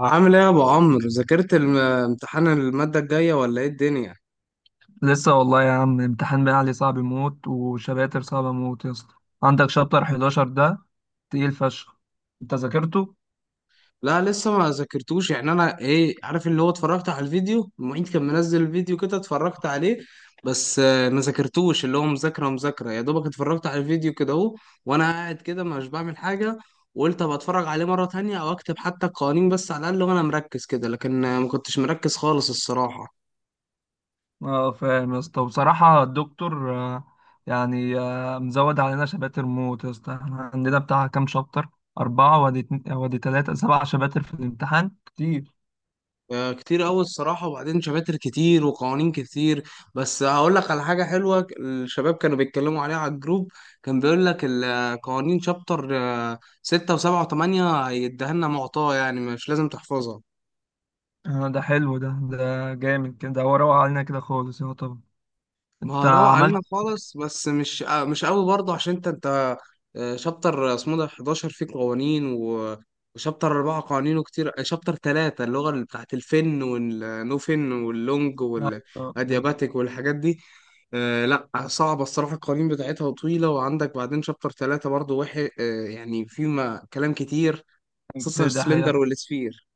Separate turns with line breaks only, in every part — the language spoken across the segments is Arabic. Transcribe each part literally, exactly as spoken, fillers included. عامل ايه يا ابو عمرو ذاكرت الم- امتحان المادة الجاية ولا ايه الدنيا؟
لسه والله يا عم، امتحان بقى صعب موت وشباتر صعبة موت يا اسطى. عندك شابتر حداشر ده تقيل فشخ. انت ذاكرته؟
لا لسه ما ذاكرتوش، يعني انا ايه عارف، اللي هو اتفرجت على الفيديو، المعيد كان منزل الفيديو كده اتفرجت عليه. بس آه، ما ذاكرتوش اللي هو مذاكرة مذاكرة، يا دوبك اتفرجت على الفيديو كده اهو. وانا قاعد كده مش بعمل حاجة. وقلت ابقى اتفرج عليه مرة تانية او اكتب حتى القوانين بس على الاقل وانا مركز كده، لكن آه، ما كنتش مركز خالص الصراحة.
اه فاهم يا اسطى. وبصراحة الدكتور آه، يعني آه، مزود علينا شباتر موت يا اسطى. احنا عندنا بتاع كام شابتر؟ أربعة وادي اتنين- وادي تلاتة، سبع شباتر في الامتحان كتير.
آه، كتير أوي الصراحة، وبعدين شماتر كتير وقوانين كتير. بس هقول لك على حاجة حلوة، ك- الشباب كانوا بيتكلموا عليها على الجروب. كان بيقول لك القوانين شابتر آه، ستة وسبعة وتمانية هيديها لنا معطاة، يعني مش لازم تحفظها.
آه، ده حلو ده ده جامد كده هو روق علينا كده خالص يا طبعا
ما
انت
هو روق
عملت
علينا خالص، بس مش آه، مش قوي برضه، عشان انت انت آه، شابتر اسمه ده حداشر فيه قوانين و- وشابتر أربعة قوانينه كتير. آه، شابتر ثلاثة اللغة اللي بتاعت الفن والنوفن واللونج
آه،
والأدياباتيك والحاجات دي. آه لا صعبة الصراحة، القوانين بتاعتها طويلة. وعندك بعدين شابتر ثلاثة برضه وحي آه يعني في ما كلام كتير. خصوصا
كتير ده حقيقة.
السلندر والسفير.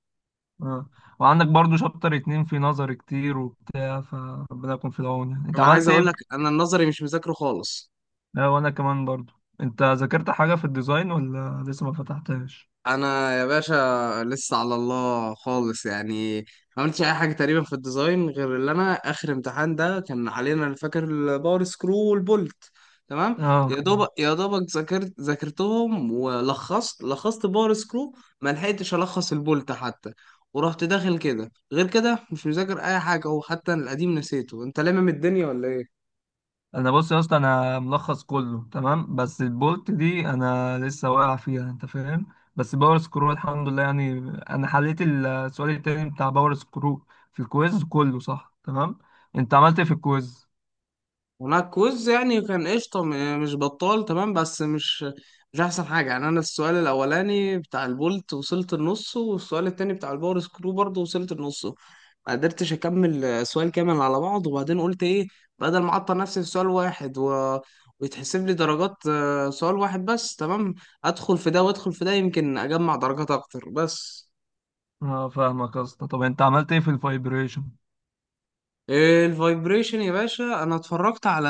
اه، وعندك برضو شابتر اتنين في نظر كتير وبتاع، فربنا يكون في العون. يعني انت
أنا عايز
عملت ايه
أقول
في-...
لك، أنا النظري مش مذاكره خالص.
اه، وانا كمان برضو. انت ذاكرت حاجة في الديزاين ولا لسه ما فتحتهاش؟
انا يا باشا لسه على الله خالص يعني. ما عملتش اي حاجه تقريبا في الديزاين، غير اللي انا اخر امتحان ده كان علينا، انا فاكر الباور سكرو والبولت تمام.
اه،
يا دوبك يا دوبك ذاكرت ذاكرتهم ولخصت لخصت باور سكرو، ما لحقتش الخص البولت حتى. ورحت داخل كده، غير كده مش مذاكر اي حاجه، وحتى القديم نسيته، انت لامم الدنيا ولا ايه؟
انا بص يا اسطى، انا ملخص كله تمام، بس البولت دي انا لسه واقع فيها انت فاهم. بس باور سكرو الحمد لله يعني. انا حليت السؤال التاني بتاع باور سكرو في الكويز كله صح تمام. انت عملت ايه في الكويز؟
وماركوز يعني كان قشطة، م- مش بطال تمام، بس مش مش أحسن حاجة يعني. أنا السؤال الأولاني بتاع البولت وصلت النص، والسؤال التاني بتاع الباور سكرو برضه وصلت النص. ما قدرتش أكمل سؤال كامل على بعض. وبعدين قلت إيه، بدل ما أعطل نفسي في سؤال واحد و... ويتحسب لي درجات آه، سؤال واحد بس تمام، أدخل في ده وأدخل في ده، يمكن أجمع درجات أكتر. بس
اه فاهمك يا اسطى. طب انت عملت ايه في الفايبريشن؟
إيه الفايبريشن يا باشا؟ أنا اتفرجت على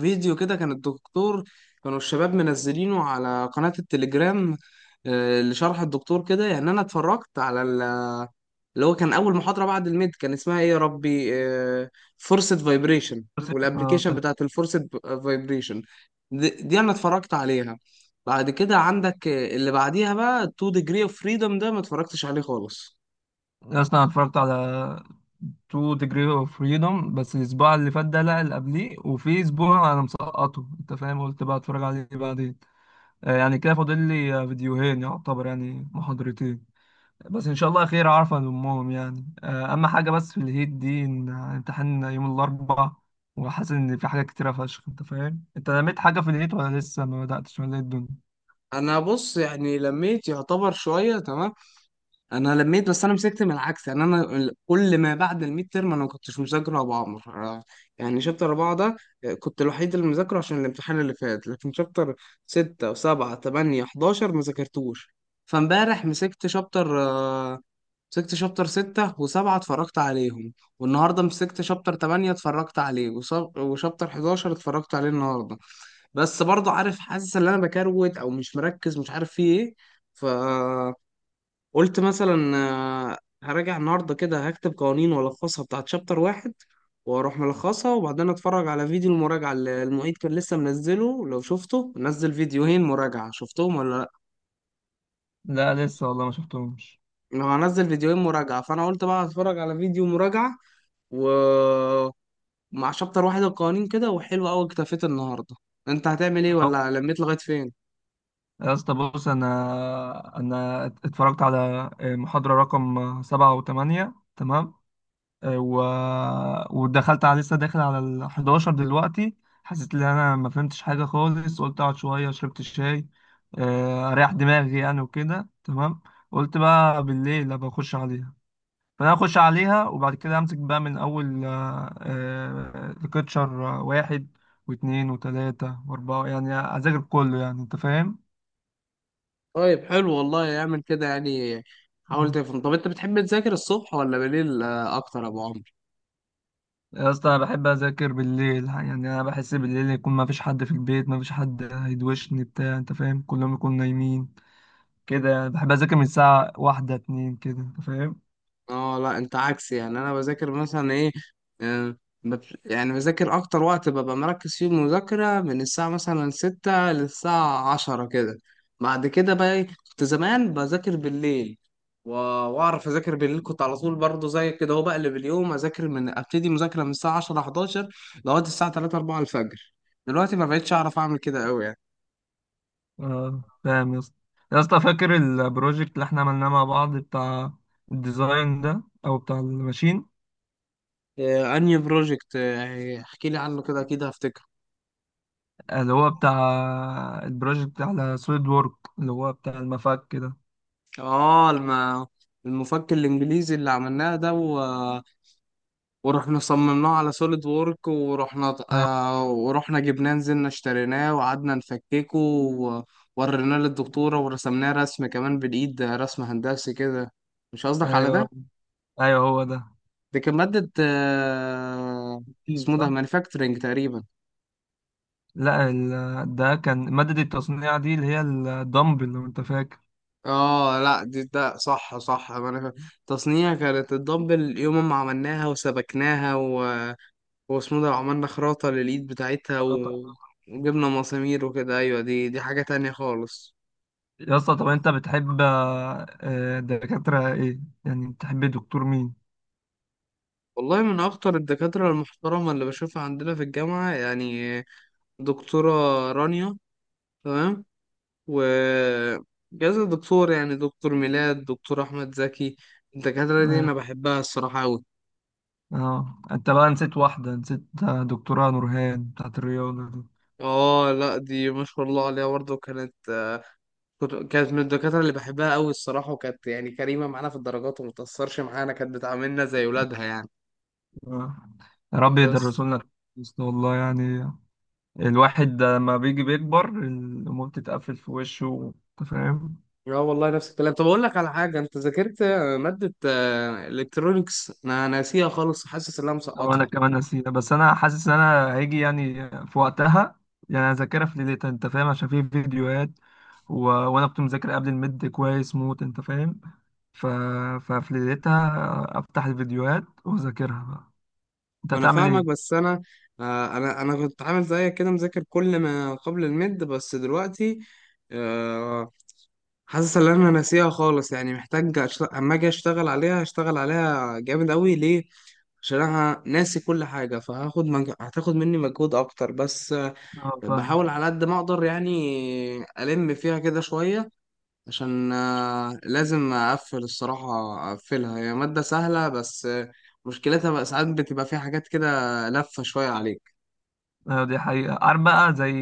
فيديو كده كان الدكتور، كانوا الشباب منزلينه على قناة التليجرام آه، لشرح الدكتور كده. يعني انا اتفرجت على ال- اللي هو كان اول محاضرة بعد الميد، كان اسمها ايه يا ربي، فورسد فايبريشن
اه
والابلكيشن
تمام.
بتاعت الفورسد فايبريشن. دي, دي انا اتفرجت عليها. بعد كده عندك آه، اللي بعديها بقى two degree of freedom، ده ما اتفرجتش عليه خالص.
يا اسطى انا اتفرجت على اتنين degree of freedom، بس الاسبوع اللي فات ده لا اللي قبليه، وفي اسبوع انا مسقطه انت فاهم، قلت بقى اتفرج عليه بعدين. آه، يعني كده فاضل لي آه، فيديوهين يعتبر، يعني محاضرتين. بس ان شاء الله خير، عارفه لامهم يعني. آه، اما حاجه، بس في الهيت دي ان امتحان يوم الاربعاء، وحاسس ان في حاجات كتيره فشخ انت فاهم. انت لميت حاجه في الهيت ولا لسه ما بداتش ولا ايه الدنيا؟
انا بص يعني لميت يعتبر شوية تمام، انا لميت. بس انا مسكت من العكس، يعني انا ال- كل ما بعد الميد ترم انا ما كنتش مذاكر ابو عمر. آه، يعني شابتر اربعه ده آه، كنت الوحيد اللي مذاكره عشان الامتحان اللي فات. لكن شابتر سته وسبعه تمانيه حداشر ما ذاكرتوش. فامبارح مسكت شابتر آه، مسكت شابتر سته وسبعه اتفرجت عليهم. والنهارده مسكت شابتر تمانيه اتفرجت عليه، وص- وشابتر حداشر اتفرجت عليه النهارده. بس برضه عارف، حاسس ان انا بكروت او مش مركز، مش عارف في ايه. ف قلت مثلا آه، هراجع النهارده كده، هكتب قوانين والخصها بتاعت شابتر واحد واروح ملخصها، وبعدين اتفرج على فيديو المراجعه اللي المعيد كان لسه منزله. لو شفته نزل فيديوهين مراجعه شفتهم ولا لا؟
لا لسه والله ما شفتهمش.
هو هنزل فيديوهين مراجعه، فانا قلت بقى هتفرج على فيديو مراجعه ومع شابتر واحد القوانين كده وحلو قوي، اكتفيت النهارده. انت هتعمل ايه، ولا لميت لغايه فين؟
يا اسطى بص، انا انا اتفرجت على آه، محاضرة رقم سبعة وثمانية تمام. آه، و... ودخلت على، لسه داخل على ال حداشر دلوقتي. حسيت ان انا ما فهمتش حاجة خالص، قلت اقعد شوية، شربت الشاي آه، اريح دماغي يعني وكده تمام. قلت بقى بالليل ابقى اخش عليها. فانا اخش عليها، وبعد كده امسك بقى من اول ليكتشر واحد واثنين وثلاثة واربعة، يعني اذاكر كله يعني انت فاهم.
طيب حلو والله، اعمل كده يعني، حاول تفهم. طب انت بتحب تذاكر الصبح ولا بالليل آه، اكتر يا ابو عمرو؟
يا اسطى انا بحب اذاكر بالليل، يعني انا بحس بالليل يكون ما فيش حد في البيت، ما فيش حد هيدوشني بتاع انت فاهم، كلهم يكونوا نايمين كده يعني. بحب اذاكر من الساعه واحدة اتنين كده انت فاهم.
اه لا انت عكسي، يعني انا بذاكر مثلا ايه آه، بت- يعني بذاكر اكتر وقت ببقى مركز فيه المذاكرة من الساعة مثلا ستة للساعة عشرة كده. بعد كده بقى ايه، كنت زمان بذاكر بالليل و- واعرف اذاكر بالليل، كنت على طول برضه زي كده، هو بقلب اليوم، اذاكر من ابتدي مذاكرة من الساعة عشرة حداشر لغاية الساعة ثلاثة أربعة الفجر. دلوقتي ما بقتش اعرف اعمل كده قوي يعني.
اه فاهم يا اسطى. يا اسطى، فاكر البروجكت اللي احنا عملناه مع بعض، بتاع الديزاين ده او بتاع الماشين؟
آه، انهي بروجكت؟ آه، احكي لي عنه كده، اكيد هفتكره.
اللي هو بتاع البروجكت على سوليد وورك، اللي هو بتاع المفك كده.
اه الم... المفك الانجليزي اللي عملناه ده و... ورحنا صممناه على سوليد وورك، ورحنا آه ورحنا جبناه نزلنا اشتريناه وقعدنا نفككه، ووريناه للدكتورة ورسمناه رسم كمان بالإيد، ده رسم هندسي كده. مش قصدك على
ايوه،
ده؟
ايوه هو ده.
دي كانت مادة آه
أيوه
اسمه ده
صح.
مانيفاكتشرنج تقريبا.
لا ال... ده كان مادة التصنيع دي، اللي هي الدمبل لو انت فاكر.
اه لا دي ده صح صح مانيفا- تصنيع، كانت الدمبل يوم ما عملناها وسبكناها، واسمه ده عملنا خراطة للإيد بتاعتها و...
آه طبعا.
وجبنا مسامير وكده. أيوة دي دي حاجة تانية خالص.
يا اسطى، طب انت بتحب آه، آه، دكاترة ايه يعني، بتحب دكتور مين؟
والله من أخطر الدكاترة المحترمة اللي بشوفها عندنا في الجامعة يعني، دكتورة رانيا تمام. و كذا دكتور، يعني دكتور ميلاد، دكتور أحمد زكي، الدكاترة دي أنا بحبها الصراحة أوي.
اه، انت بقى نسيت واحدة، نسيت آه، دكتورة نورهان بتاعت الرياضة دي.
اه لا دي ما شاء الله عليها برضه كانت، كنت- كانت من الدكاترة اللي بحبها أوي الصراحة، وكانت يعني كريمة معانا في الدرجات ومتأثرش معانا، كانت بتعاملنا زي ولادها يعني.
آه. يا رب
بس
يدرسوا لنا كويس والله يعني. الواحد لما بيجي بيكبر الأمور بتتقفل في وشه انت فاهم.
اه والله نفس الكلام. طب اقول لك على حاجه، انت ذاكرت ماده الكترونكس؟ انا ناسيها خالص، حاسس ان انا
أو أنا
مسقطها.
كمان نسيت، بس أنا حاسس إن أنا هيجي يعني في وقتها، يعني أذاكرها في ليلتها أنت فاهم، عشان في فيديوهات و... وأنا كنت مذاكر قبل الميد كويس موت أنت فاهم. ف... ففي ليلتها أفتح الفيديوهات وأذاكرها بقى. أنت
ما انا
هتعمل
فاهمك،
إيه؟
بس انا آه، انا انا كنت عامل زيك كده، مذاكر كل ما قبل الميد، بس دلوقتي آه، حاسس ان انا ناسيها خالص، يعني محتاج أشت- اما اجي اشتغل عليها هشتغل عليها جامد قوي. ليه؟ عشان انا ناسي كل حاجه، فهاخد مج... هتاخد مني مجهود اكتر، بس آه،
أه
بحاول
فاهم.
على قد ما اقدر يعني، الم فيها كده شويه، عشان آه، لازم اقفل الصراحة، اقفلها. هي مادة سهلة بس آه، مشكلتها بقى ساعات بتبقى فيها حاجات كده لفة شوية عليك.
أيوة دي حقيقة. عارف بقى، زي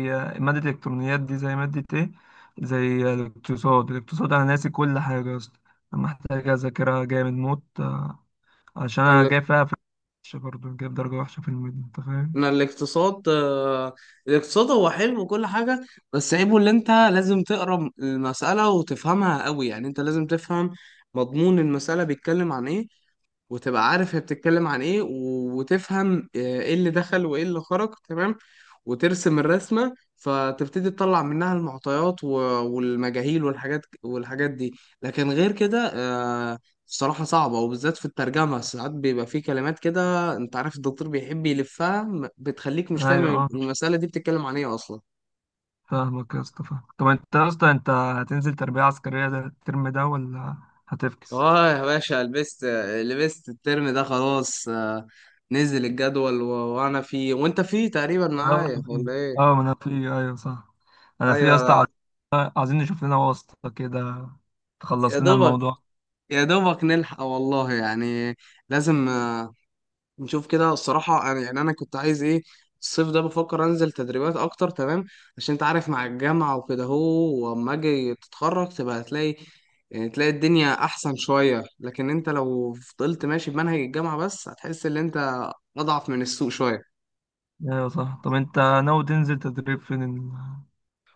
مادة الإلكترونيات دي زي مادة إيه؟ زي الاقتصاد. الاقتصاد أنا ناسي كل حاجة يا اسطى. أنا محتاج أذاكرها جامد موت، آه، عشان
انا
أنا
الاق-
جاي فيها في وحشة برضه، جايب درجة وحشة في الميد أنت فاهم؟
أنا الاقتصاد آه، الاقتصاد هو حلو وكل حاجة، بس عيبه اللي انت لازم تقرا المسألة وتفهمها قوي، يعني انت لازم تفهم مضمون المسألة بيتكلم عن ايه، وتبقى عارف هي بتتكلم عن ايه و- وتفهم آه، ايه اللي دخل وايه اللي خرج تمام، وترسم الرسمة، فتبتدي تطلع منها المعطيات و- والمجاهيل والحاجات والحاجات دي. لكن غير كده آه، الصراحة صعبة، وبالذات في الترجمة ساعات بيبقى في كلمات كده، انت عارف الدكتور بيحب يلفها م- بتخليك مش
ايوه،
فاهم
اه
المسألة دي بتتكلم عن ايه اصلا.
فاهمك يا اسطى فاهم. طب انت يا اسطى انت هتنزل تربية عسكرية ده الترم ده ولا هتفكس؟
اه يا باشا لبست، لبست الترم ده خلاص. آه، نزل الجدول و... وانا فيه وانت فيه تقريبا
اه
معايا
انا في.
ولا؟
اه ما انا في. ايوه صح، انا في يا اسطى،
ايوه.
عايز- عايزين نشوف لنا واسطة كده
يا
تخلص لنا
دوبك
الموضوع.
يا دوبك نلحق والله يعني، لازم آه، نشوف كده الصراحه. أنا- يعني انا كنت عايز ايه، الصيف ده بفكر انزل تدريبات اكتر تمام، عشان انت عارف مع الجامعه وكده. هو واما اجي تتخرج تبقى هتلاقي، يعني تلاقي الدنيا احسن شويه، لكن انت لو فضلت ماشي بمنهج الجامعه بس، هتحس ان انت اضعف من السوق شويه.
ايوه صح. طب انت ناوي تنزل تدريب فين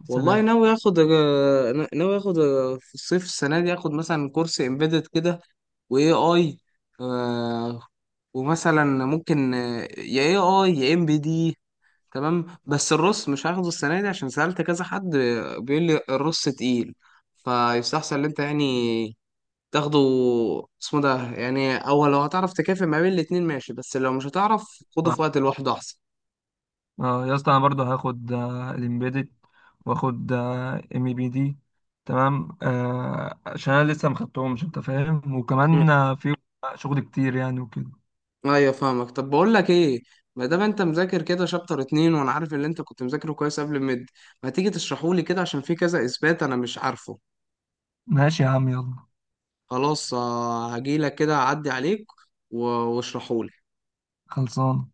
السنة
والله
دي؟
ناوي اخد آه، ناوي اخد آه، في الصيف السنه دي اخد مثلا كورس امبيدد كده واي اي، ومثلا ممكن آه، يا اي اي يا ام بي دي تمام. بس الرص مش هاخده السنه دي، عشان سالت كذا حد آه، بيقول لي الرص تقيل، فيستحسن ان انت يعني تاخده اسمه ده يعني، او لو هتعرف تكافئ ما بين الاتنين ماشي، بس لو مش هتعرف خده
صح.
في وقت لوحده احسن.
اه يا اسطى، انا برضو هاخد آه، الامبيدد، واخد ام بي دي تمام. آه عشان انا لسه ما خدتهمش انت فاهم،
م.
وكمان آه، في شغل كتير يعني وكده.
ايوه فاهمك. طب بقول لك ايه، ما دام انت مذاكر كده شابتر اتنين، وانا عارف اللي انت كنت مذاكره كويس قبل الميد، ما تيجي تشرحه لي كده، عشان في كذا اثبات انا مش عارفه.
ماشي يا عم، يلا.
خلاص آه، هجيلك كده اعدي عليك و- واشرحهولك.
خلصان